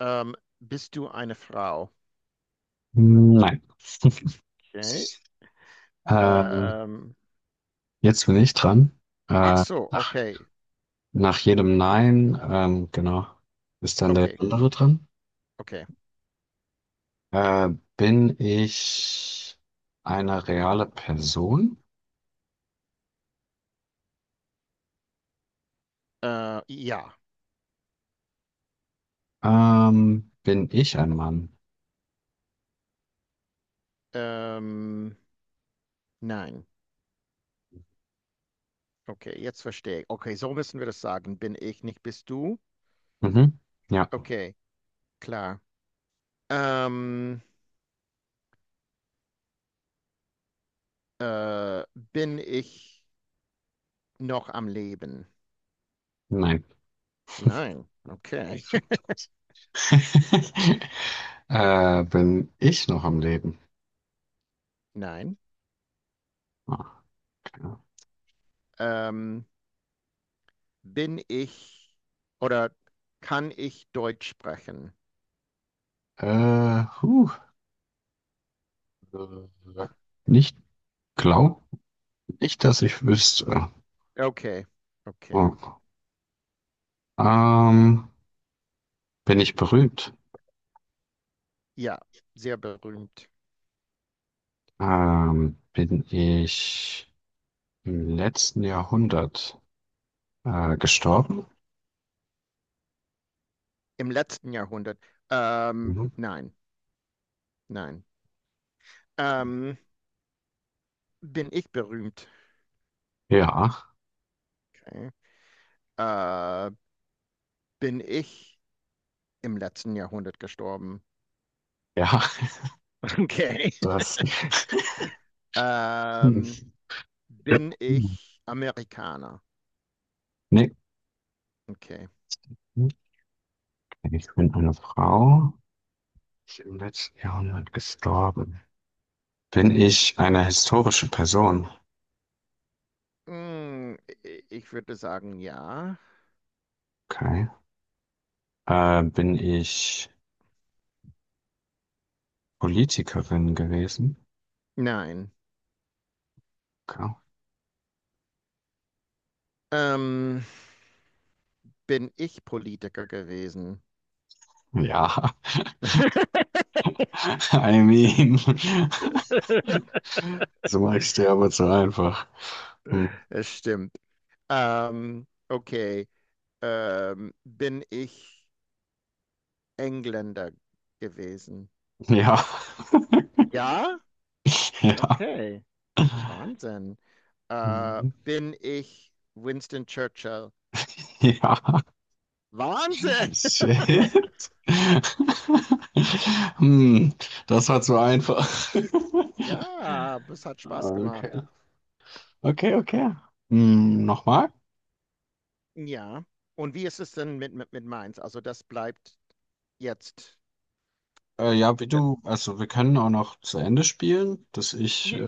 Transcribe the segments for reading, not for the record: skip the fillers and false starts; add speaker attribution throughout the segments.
Speaker 1: Ähm, Bist du eine Frau?
Speaker 2: Nein.
Speaker 1: Okay.
Speaker 2: Ähm,
Speaker 1: Ähm,
Speaker 2: jetzt bin ich dran.
Speaker 1: ach
Speaker 2: Äh,
Speaker 1: so,
Speaker 2: nach,
Speaker 1: okay.
Speaker 2: nach jedem Nein, genau, ist dann der
Speaker 1: Okay,
Speaker 2: andere dran.
Speaker 1: okay.
Speaker 2: Äh, bin ich eine reale Person?
Speaker 1: Ja.
Speaker 2: Bin ich ein Mann?
Speaker 1: Ähm, nein. Okay, jetzt verstehe ich. Okay, so müssen wir das sagen. Bin ich nicht, bist du?
Speaker 2: Mhm. Ja,
Speaker 1: Okay, klar. Ähm, äh, Bin ich noch am Leben?
Speaker 2: nein.
Speaker 1: Nein. Okay.
Speaker 2: Stimmt. Bin ich noch am Leben?
Speaker 1: Nein.
Speaker 2: Ah, okay.
Speaker 1: Ähm, Bin ich oder kann ich Deutsch sprechen?
Speaker 2: Äh, huh. Äh, Nicht glaub nicht, dass ich wüsste.
Speaker 1: Okay, okay.
Speaker 2: Oh. Ähm, bin ich berühmt?
Speaker 1: Ja, sehr berühmt.
Speaker 2: Bin ich im letzten Jahrhundert gestorben?
Speaker 1: Im letzten Jahrhundert. Ähm,
Speaker 2: Mhm.
Speaker 1: nein, nein. Ähm, Bin ich berühmt?
Speaker 2: Ja,
Speaker 1: Okay. Äh, bin ich im letzten Jahrhundert gestorben?
Speaker 2: ja,
Speaker 1: Okay.
Speaker 2: das.
Speaker 1: Ähm, Bin ich Amerikaner?
Speaker 2: Nee,
Speaker 1: Okay.
Speaker 2: okay, ich bin eine Frau. Ist im letzten Jahrhundert gestorben. Bin ich eine historische Person?
Speaker 1: Mm, ich würde sagen, ja.
Speaker 2: Okay. Bin ich Politikerin gewesen?
Speaker 1: Nein.
Speaker 2: Okay.
Speaker 1: Ähm, Bin ich Politiker gewesen?
Speaker 2: Ja, I mean, so magst du aber so einfach. Hm.
Speaker 1: Es stimmt. Ähm, okay. Bin ich Engländer gewesen.
Speaker 2: Ja,
Speaker 1: Ja,
Speaker 2: ja.
Speaker 1: okay. Wahnsinn.
Speaker 2: Mhm.
Speaker 1: Bin ich Winston Churchill.
Speaker 2: Ja,
Speaker 1: Wahnsinn!
Speaker 2: shit. Hm, das war zu einfach.
Speaker 1: Ja, das hat Spaß
Speaker 2: Okay,
Speaker 1: gemacht.
Speaker 2: okay, okay. Hm, nochmal?
Speaker 1: Ja. Und wie ist es denn mit Mainz? Also das bleibt jetzt.
Speaker 2: Ja, wie
Speaker 1: D-
Speaker 2: du, also wir können auch noch zu Ende spielen, dass ich,
Speaker 1: j-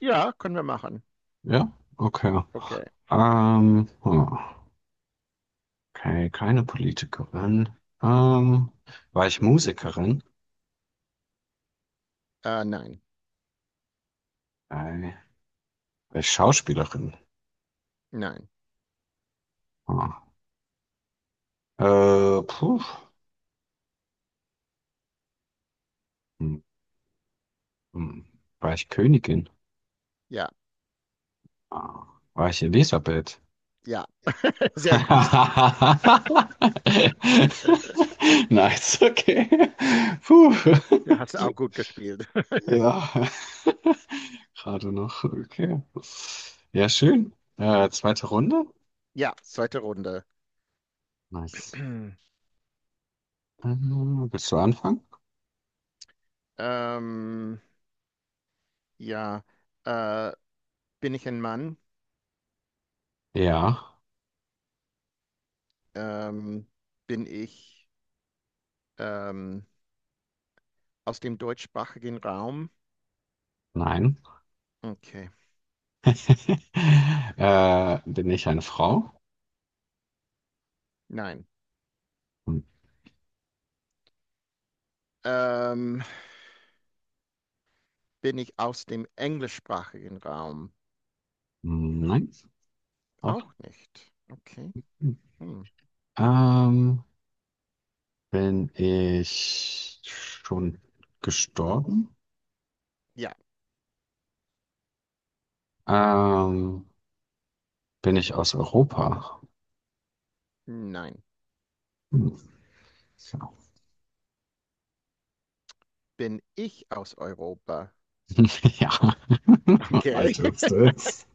Speaker 1: Ja, können wir machen.
Speaker 2: ja, okay.
Speaker 1: Okay.
Speaker 2: Ähm, hm, okay, keine Politikerin. Ähm, war ich Musikerin?
Speaker 1: Nein,
Speaker 2: Äh, war ich Schauspielerin?
Speaker 1: nein.
Speaker 2: Hm. Puh. Hm. Hm, war ich Königin?
Speaker 1: Ja,
Speaker 2: Ah, war ich Elisabeth?
Speaker 1: ja. Sehr gut.
Speaker 2: Nice, okay. Puh.
Speaker 1: Du hast du auch gut gespielt.
Speaker 2: Ja, gerade noch. Okay. Ja, schön. Zweite Runde.
Speaker 1: Ja, zweite Runde.
Speaker 2: Nice. Willst du anfangen?
Speaker 1: Ähm, Ja, äh, bin ich ein Mann?
Speaker 2: Ja,
Speaker 1: Ähm, bin ich ähm, aus dem deutschsprachigen Raum?
Speaker 2: nein.
Speaker 1: Okay,
Speaker 2: Bin ich eine Frau?
Speaker 1: nein.
Speaker 2: Hm,
Speaker 1: Ähm, Bin ich aus dem englischsprachigen Raum?
Speaker 2: nein, auch.
Speaker 1: Auch nicht. Okay.
Speaker 2: Hm.
Speaker 1: Hm.
Speaker 2: Ähm, bin ich schon gestorben?
Speaker 1: Ja,
Speaker 2: Ähm, bin ich aus Europa?
Speaker 1: nein.
Speaker 2: Hm.
Speaker 1: Bin ich aus Europa?
Speaker 2: Ja,
Speaker 1: Okay.
Speaker 2: ich wusste es.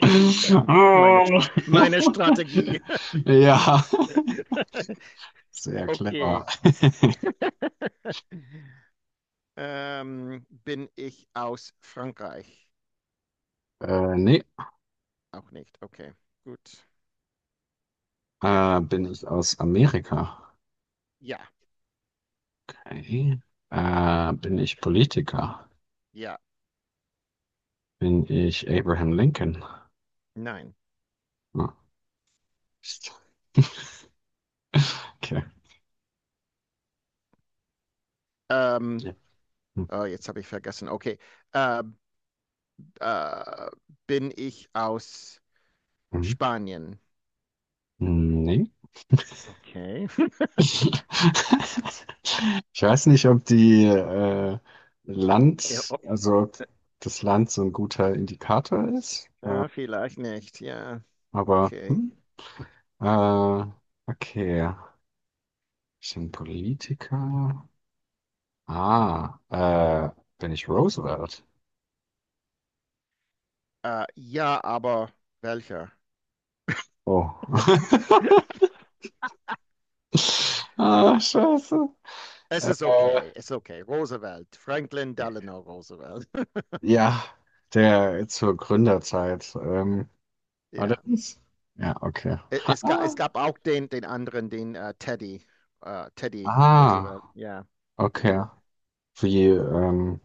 Speaker 1: Meine, meine Strategie.
Speaker 2: Ja, sehr
Speaker 1: Okay.
Speaker 2: clever.
Speaker 1: Bin ich aus Frankreich?
Speaker 2: Nee,
Speaker 1: Auch nicht. Okay, gut.
Speaker 2: bin ich aus Amerika?
Speaker 1: Ja.
Speaker 2: Okay. Bin ich Politiker?
Speaker 1: Ja,
Speaker 2: Bin ich Abraham Lincoln?
Speaker 1: nein.
Speaker 2: Hm. Okay.
Speaker 1: Ähm,
Speaker 2: Ja.
Speaker 1: oh, jetzt habe ich vergessen. Okay. Äh, äh, Bin ich aus
Speaker 2: Mhm.
Speaker 1: Spanien?
Speaker 2: Nee.
Speaker 1: Okay.
Speaker 2: Ich weiß nicht, ob die
Speaker 1: Ja,
Speaker 2: Land, also ob das Land so ein guter Indikator ist,
Speaker 1: ja, vielleicht nicht. Ja,
Speaker 2: aber
Speaker 1: okay.
Speaker 2: äh, okay, ich bin Politiker. Ah, bin ich Roosevelt?
Speaker 1: Ja, aber welcher?
Speaker 2: Oh. Ah, scheiße.
Speaker 1: Es
Speaker 2: Äh,
Speaker 1: ist okay, es ist okay. Roosevelt, Franklin Delano Roosevelt.
Speaker 2: ja, der zur Gründerzeit. Aber das
Speaker 1: Ja,
Speaker 2: ist, ja, okay.
Speaker 1: Es gab auch den, den anderen, den Teddy, Teddy Roosevelt.
Speaker 2: Ah,
Speaker 1: Ja,
Speaker 2: okay.
Speaker 1: genau.
Speaker 2: Wie,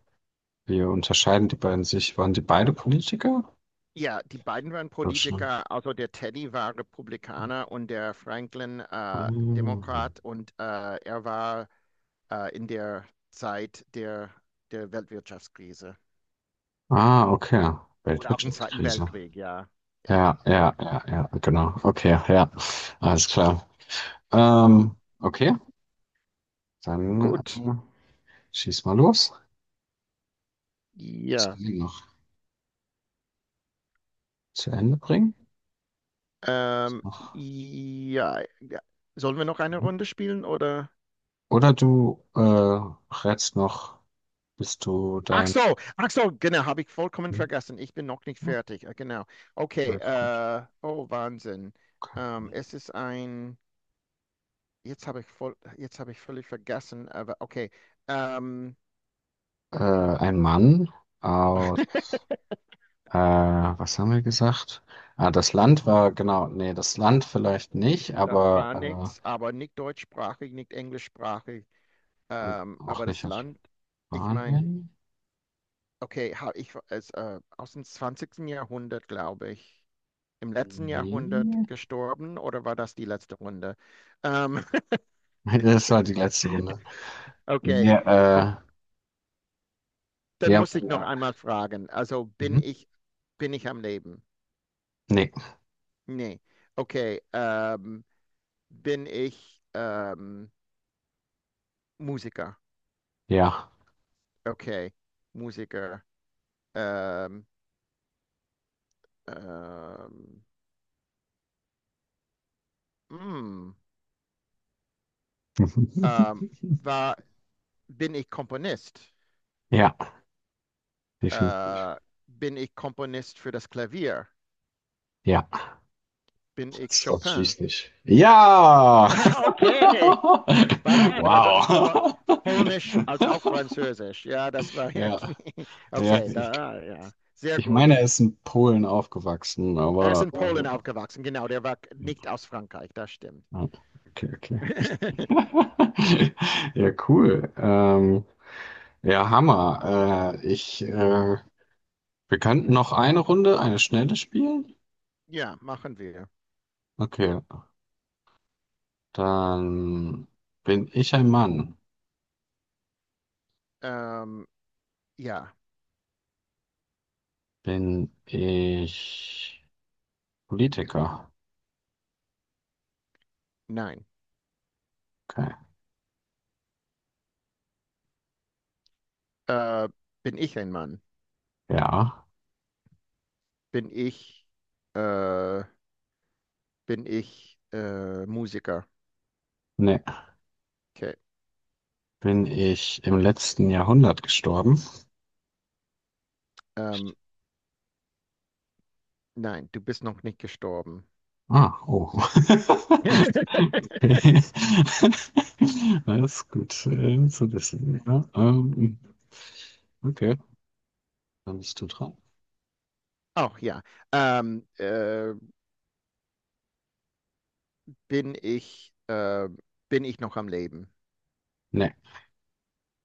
Speaker 2: wie unterscheiden die beiden sich? Waren die beide Politiker?
Speaker 1: Ja, die beiden waren
Speaker 2: Glaub schon.
Speaker 1: Politiker, also der Teddy war Republikaner und der Franklin
Speaker 2: Hm.
Speaker 1: Demokrat und er war in der Zeit der Weltwirtschaftskrise
Speaker 2: Ah, okay.
Speaker 1: oder auch im Zweiten
Speaker 2: Weltwirtschaftskrise.
Speaker 1: Weltkrieg, ja. Ja,
Speaker 2: Ja, ja, ja, ja, genau. Okay, ja. Alles klar. Okay, dann
Speaker 1: gut,
Speaker 2: schieß mal los. Das
Speaker 1: ja.
Speaker 2: kann ich noch zu Ende bringen. Ist
Speaker 1: Ähm,
Speaker 2: noch.
Speaker 1: ja, ja. Sollen wir noch eine Runde spielen oder?
Speaker 2: Oder du rätst noch, bist du dein.
Speaker 1: Ach so, genau, habe ich vollkommen
Speaker 2: Hm?
Speaker 1: vergessen. Ich bin noch nicht
Speaker 2: Ja,
Speaker 1: fertig, genau. Okay,
Speaker 2: alles gut.
Speaker 1: oh Wahnsinn.
Speaker 2: Okay.
Speaker 1: Es ist ein. Jetzt habe ich völlig vergessen, aber okay. Ähm,
Speaker 2: Äh, ein Mann aus. Äh, was haben wir gesagt? Ah, das Land war, genau, nee, das Land vielleicht nicht,
Speaker 1: Das war
Speaker 2: aber
Speaker 1: nichts, aber nicht deutschsprachig, nicht englischsprachig.
Speaker 2: und auch
Speaker 1: Aber das
Speaker 2: nicht aus
Speaker 1: Land, ich meine,
Speaker 2: Spanien.
Speaker 1: okay, ich ist aus dem zwanzigsten Jahrhundert, glaube ich, im letzten Jahrhundert
Speaker 2: Nee.
Speaker 1: gestorben oder war das die letzte Runde? Ähm,
Speaker 2: Das war die letzte Runde.
Speaker 1: okay. Ok,
Speaker 2: Ja,
Speaker 1: dann
Speaker 2: ja,
Speaker 1: muss ich noch
Speaker 2: ja.
Speaker 1: einmal fragen. Also
Speaker 2: Mhm.
Speaker 1: bin ich am Leben?
Speaker 2: Nee,
Speaker 1: Nee. Okay. Bin ich Musiker.
Speaker 2: ja.
Speaker 1: Okay. Musiker. Ähm, ähm, mm, ähm, war, Bin ich Komponist?
Speaker 2: Ja, definitiv.
Speaker 1: Äh, bin ich Komponist für das Klavier?
Speaker 2: Ja.
Speaker 1: Bin ich
Speaker 2: Das
Speaker 1: Chopin?
Speaker 2: ausschließlich. Ja!
Speaker 1: Okay. War da, war da so war
Speaker 2: Wow.
Speaker 1: Polnisch als auch Französisch. Ja, das war
Speaker 2: Ja,
Speaker 1: irgendwie.
Speaker 2: ja,
Speaker 1: Okay,
Speaker 2: ich,
Speaker 1: da, ja. Sehr
Speaker 2: ich
Speaker 1: gut.
Speaker 2: meine, er ist in Polen aufgewachsen,
Speaker 1: Er ist
Speaker 2: aber
Speaker 1: in Polen aufgewachsen. Genau, der war nicht aus Frankreich. Das stimmt.
Speaker 2: ah, okay, okay. Ja, cool. Ja, Hammer. Wir könnten noch eine Runde, eine schnelle spielen.
Speaker 1: Ja, machen wir.
Speaker 2: Okay, dann bin ich ein Mann.
Speaker 1: Ähm, ja.
Speaker 2: Bin ich Politiker?
Speaker 1: Nein.
Speaker 2: Okay.
Speaker 1: Äh, bin ich ein Mann?
Speaker 2: Ja.
Speaker 1: Bin ich, äh, Bin ich Musiker?
Speaker 2: Nee.
Speaker 1: Okay.
Speaker 2: Bin ich im letzten Jahrhundert gestorben?
Speaker 1: Ähm, nein, du bist noch nicht gestorben.
Speaker 2: Ah, oh. Okay. Alles gut zu wissen. Ja, okay, dann bist du dran.
Speaker 1: Auch ja. Ähm, äh, bin ich, äh, Bin ich noch am Leben?
Speaker 2: Nee,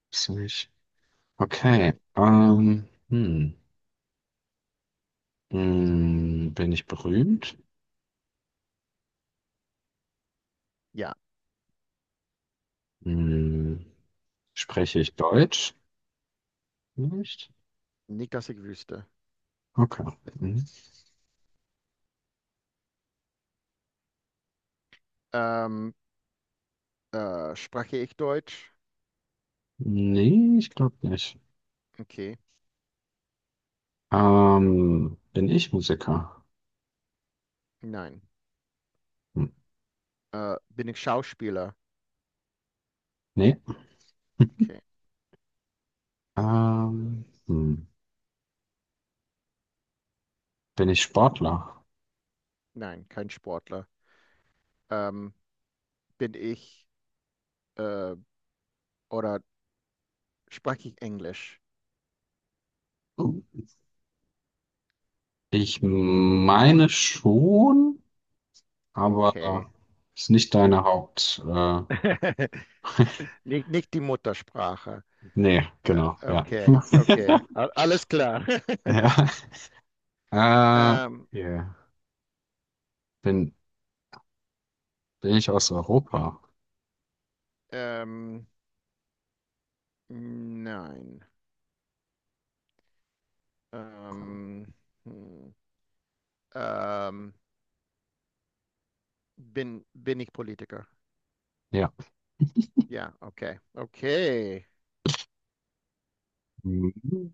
Speaker 2: bist du nicht. Okay,
Speaker 1: Nein, okay.
Speaker 2: bin ich berühmt?
Speaker 1: Ja,
Speaker 2: Hm, spreche ich Deutsch? Nicht?
Speaker 1: nicht, dass ich wüsste.
Speaker 2: Okay. Hm.
Speaker 1: Ähm, Spreche ich Deutsch?
Speaker 2: Nee, ich glaube nicht.
Speaker 1: Okay,
Speaker 2: Bin ich Musiker?
Speaker 1: nein.
Speaker 2: Hm.
Speaker 1: Bin ich Schauspieler?
Speaker 2: Nee.
Speaker 1: Okay,
Speaker 2: Ähm, hm. Bin ich Sportler?
Speaker 1: nein, kein Sportler. Ähm, bin ich, äh, oder sprach ich Englisch.
Speaker 2: Oh. Ich meine schon,
Speaker 1: Okay,
Speaker 2: aber ist nicht
Speaker 1: nicht,
Speaker 2: deine Haupt.
Speaker 1: nicht, nicht die Muttersprache.
Speaker 2: Nee, genau, ja.
Speaker 1: Okay, okay, A alles klar.
Speaker 2: Ja. Äh,
Speaker 1: ähm,
Speaker 2: yeah. Bin, bin ich aus Europa?
Speaker 1: ähm, nein. Ähm, hm, ähm, Bin ich Politiker?
Speaker 2: Ja.
Speaker 1: Ja, okay, okay.
Speaker 2: Mhm.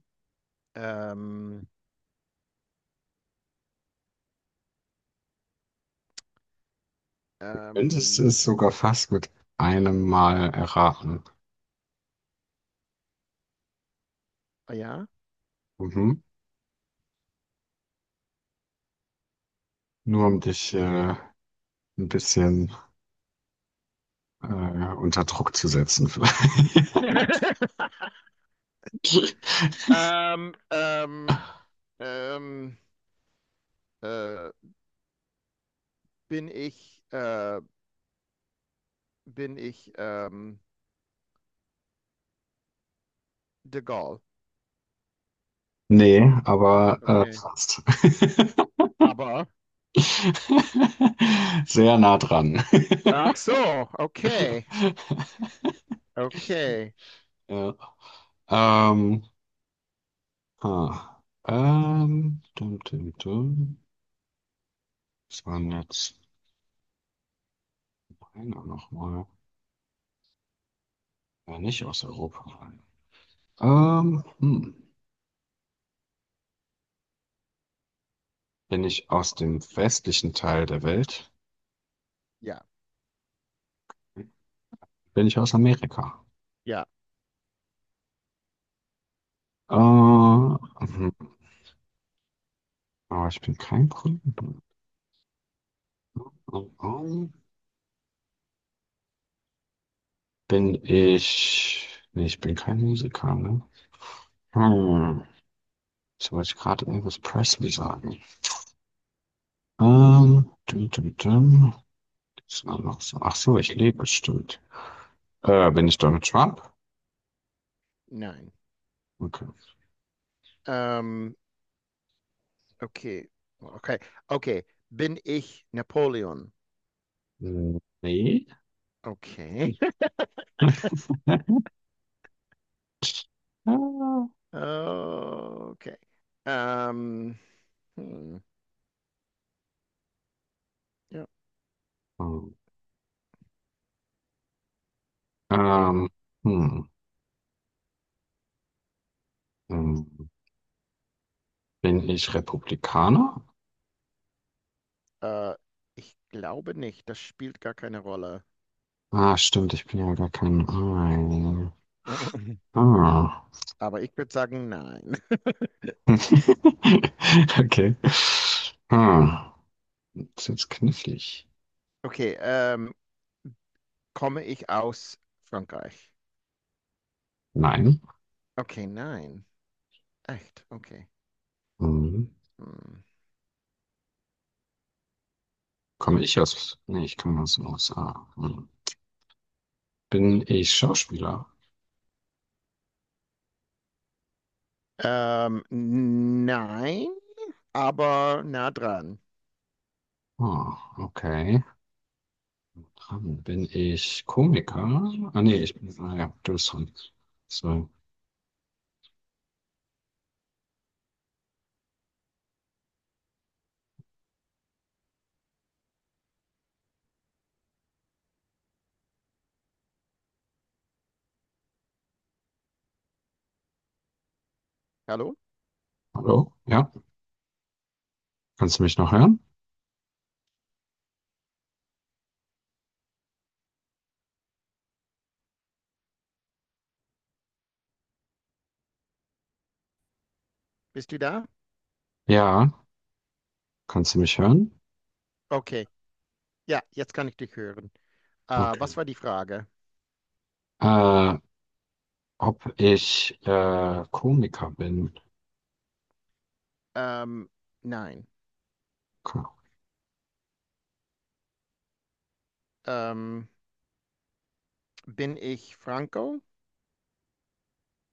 Speaker 1: Ähm,
Speaker 2: Könntest du
Speaker 1: ähm,
Speaker 2: es sogar fast mit einem Mal erraten.
Speaker 1: ja.
Speaker 2: Mhm. Nur um dich ein bisschen äh, unter Druck zu setzen, vielleicht.
Speaker 1: Ähm, ähm, ähm, äh, bin ich äh, Bin ich de Gaulle.
Speaker 2: Nee, aber
Speaker 1: Okay.
Speaker 2: fast.
Speaker 1: Aber,
Speaker 2: Sehr nah dran.
Speaker 1: ach so, okay, okay.
Speaker 2: Ja. Ähm, ah. Dum, dum, dum. Was waren jetzt einer nochmal? Ja, nicht aus Europa. Ähm, hm. Bin ich aus dem westlichen Teil der Welt?
Speaker 1: Ja,
Speaker 2: Bin ich aus Amerika?
Speaker 1: ja,
Speaker 2: Äh, hm, aber ich bin kein Politiker. Bin ich. Nee, ich bin kein Musiker, ne? Hm. Jetzt wollte ich gerade Elvis Presley sagen. Dum, dum, dum. Das war noch so. Ach so, ich lebe, stimmt. Bin ich Donald Trump?
Speaker 1: nein.
Speaker 2: Okay.
Speaker 1: Ähm, okay, okay, okay. Bin ich Napoleon?
Speaker 2: Hm, nee.
Speaker 1: Okay.
Speaker 2: Ah.
Speaker 1: Okay. Ähm, hm, ja.
Speaker 2: Ähm,
Speaker 1: Hm.
Speaker 2: hm. hm. hm. Bin ich Republikaner?
Speaker 1: Äh, ich glaube nicht. Das spielt gar keine Rolle.
Speaker 2: Ah, stimmt, ich bin ja gar kein. Ah. Ah.
Speaker 1: Aber ich würde sagen, nein.
Speaker 2: Okay. Ah. Ist jetzt knifflig.
Speaker 1: Okay, komme ich aus Frankreich?
Speaker 2: Nein.
Speaker 1: Okay, nein. Echt? Okay.
Speaker 2: Hm.
Speaker 1: Hm.
Speaker 2: Komme ich aus. Nee, ich komme aus den USA. Hm. Bin ich Schauspieler?
Speaker 1: Nein, aber nah dran.
Speaker 2: Ah, okay. Dann bin ich Komiker? Ah, nee, ich bin. Ah, ja, du bist dran. So.
Speaker 1: Hallo?
Speaker 2: Hallo? Ja? Kannst du mich noch hören?
Speaker 1: Bist du da?
Speaker 2: Ja. Kannst du mich hören?
Speaker 1: Okay. Ja, jetzt kann ich dich hören.
Speaker 2: Okay.
Speaker 1: Was war die Frage?
Speaker 2: Äh, ob ich Komiker bin?
Speaker 1: Ähm, nein.
Speaker 2: Ko-
Speaker 1: Ähm, Bin ich Franco?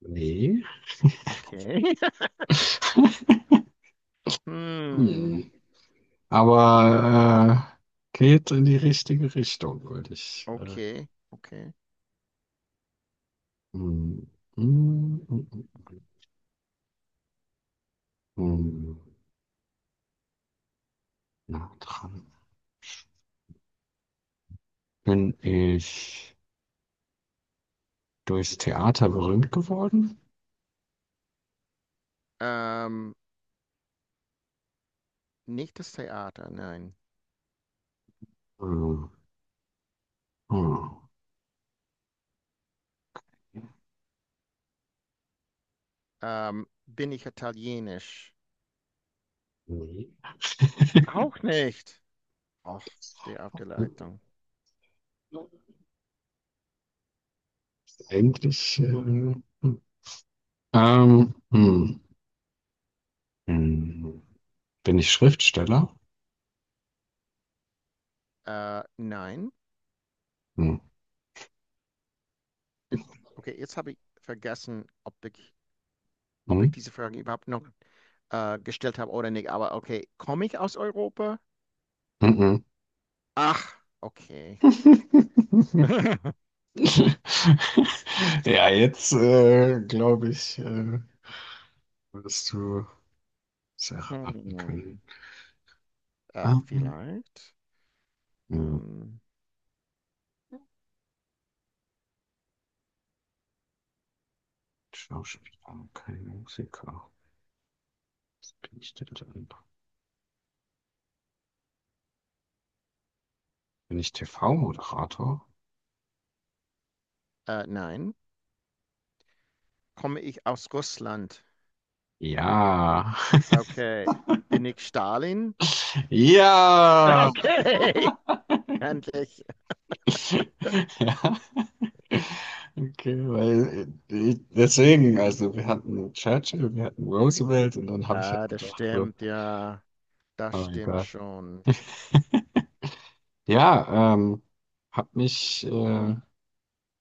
Speaker 2: Nee.
Speaker 1: Okay.
Speaker 2: Hm.
Speaker 1: Hm.
Speaker 2: Hm. Aber geht in die richtige Richtung, würde ich.
Speaker 1: Okay. Okay.
Speaker 2: Hm, hm, hm, hm, hm, nah dran. Bin ich durchs Theater berühmt geworden?
Speaker 1: Ähm, Nicht das Theater, nein.
Speaker 2: Hm, hm,
Speaker 1: Bin ich italienisch?
Speaker 2: nee.
Speaker 1: Auch nicht. Och, stehe auf der Leitung.
Speaker 2: Eigentlich. Hm. ähm, hm, hm. Bin ich Schriftsteller?
Speaker 1: Nein.
Speaker 2: Hm.
Speaker 1: Okay, jetzt habe ich vergessen, ob
Speaker 2: Hm?
Speaker 1: ich diese Frage überhaupt noch gestellt habe oder nicht. Aber okay, komme ich aus Europa?
Speaker 2: Mhm.
Speaker 1: Ach, okay.
Speaker 2: Ja, jetzt glaube ich, wirst du es erraten können.
Speaker 1: Hm.
Speaker 2: Ah,
Speaker 1: Vielleicht.
Speaker 2: hm,
Speaker 1: Ähm,
Speaker 2: Schauspieler, kein Musiker. Was bin ich denn dann? Bin ich TV-Moderator?
Speaker 1: nein. Komme ich aus Russland?
Speaker 2: Ja.
Speaker 1: Okay. Bin ich Stalin?
Speaker 2: Ja.
Speaker 1: Okay. Endlich.
Speaker 2: Ja. Okay, weil ich, deswegen, also wir hatten Churchill, wir hatten Roosevelt und dann habe ich halt
Speaker 1: Ah, das
Speaker 2: gedacht, so,
Speaker 1: stimmt, ja. Das
Speaker 2: aber
Speaker 1: stimmt
Speaker 2: egal.
Speaker 1: schon.
Speaker 2: Ja, hat mich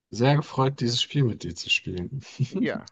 Speaker 2: sehr gefreut, dieses Spiel mit dir zu spielen.
Speaker 1: Ja.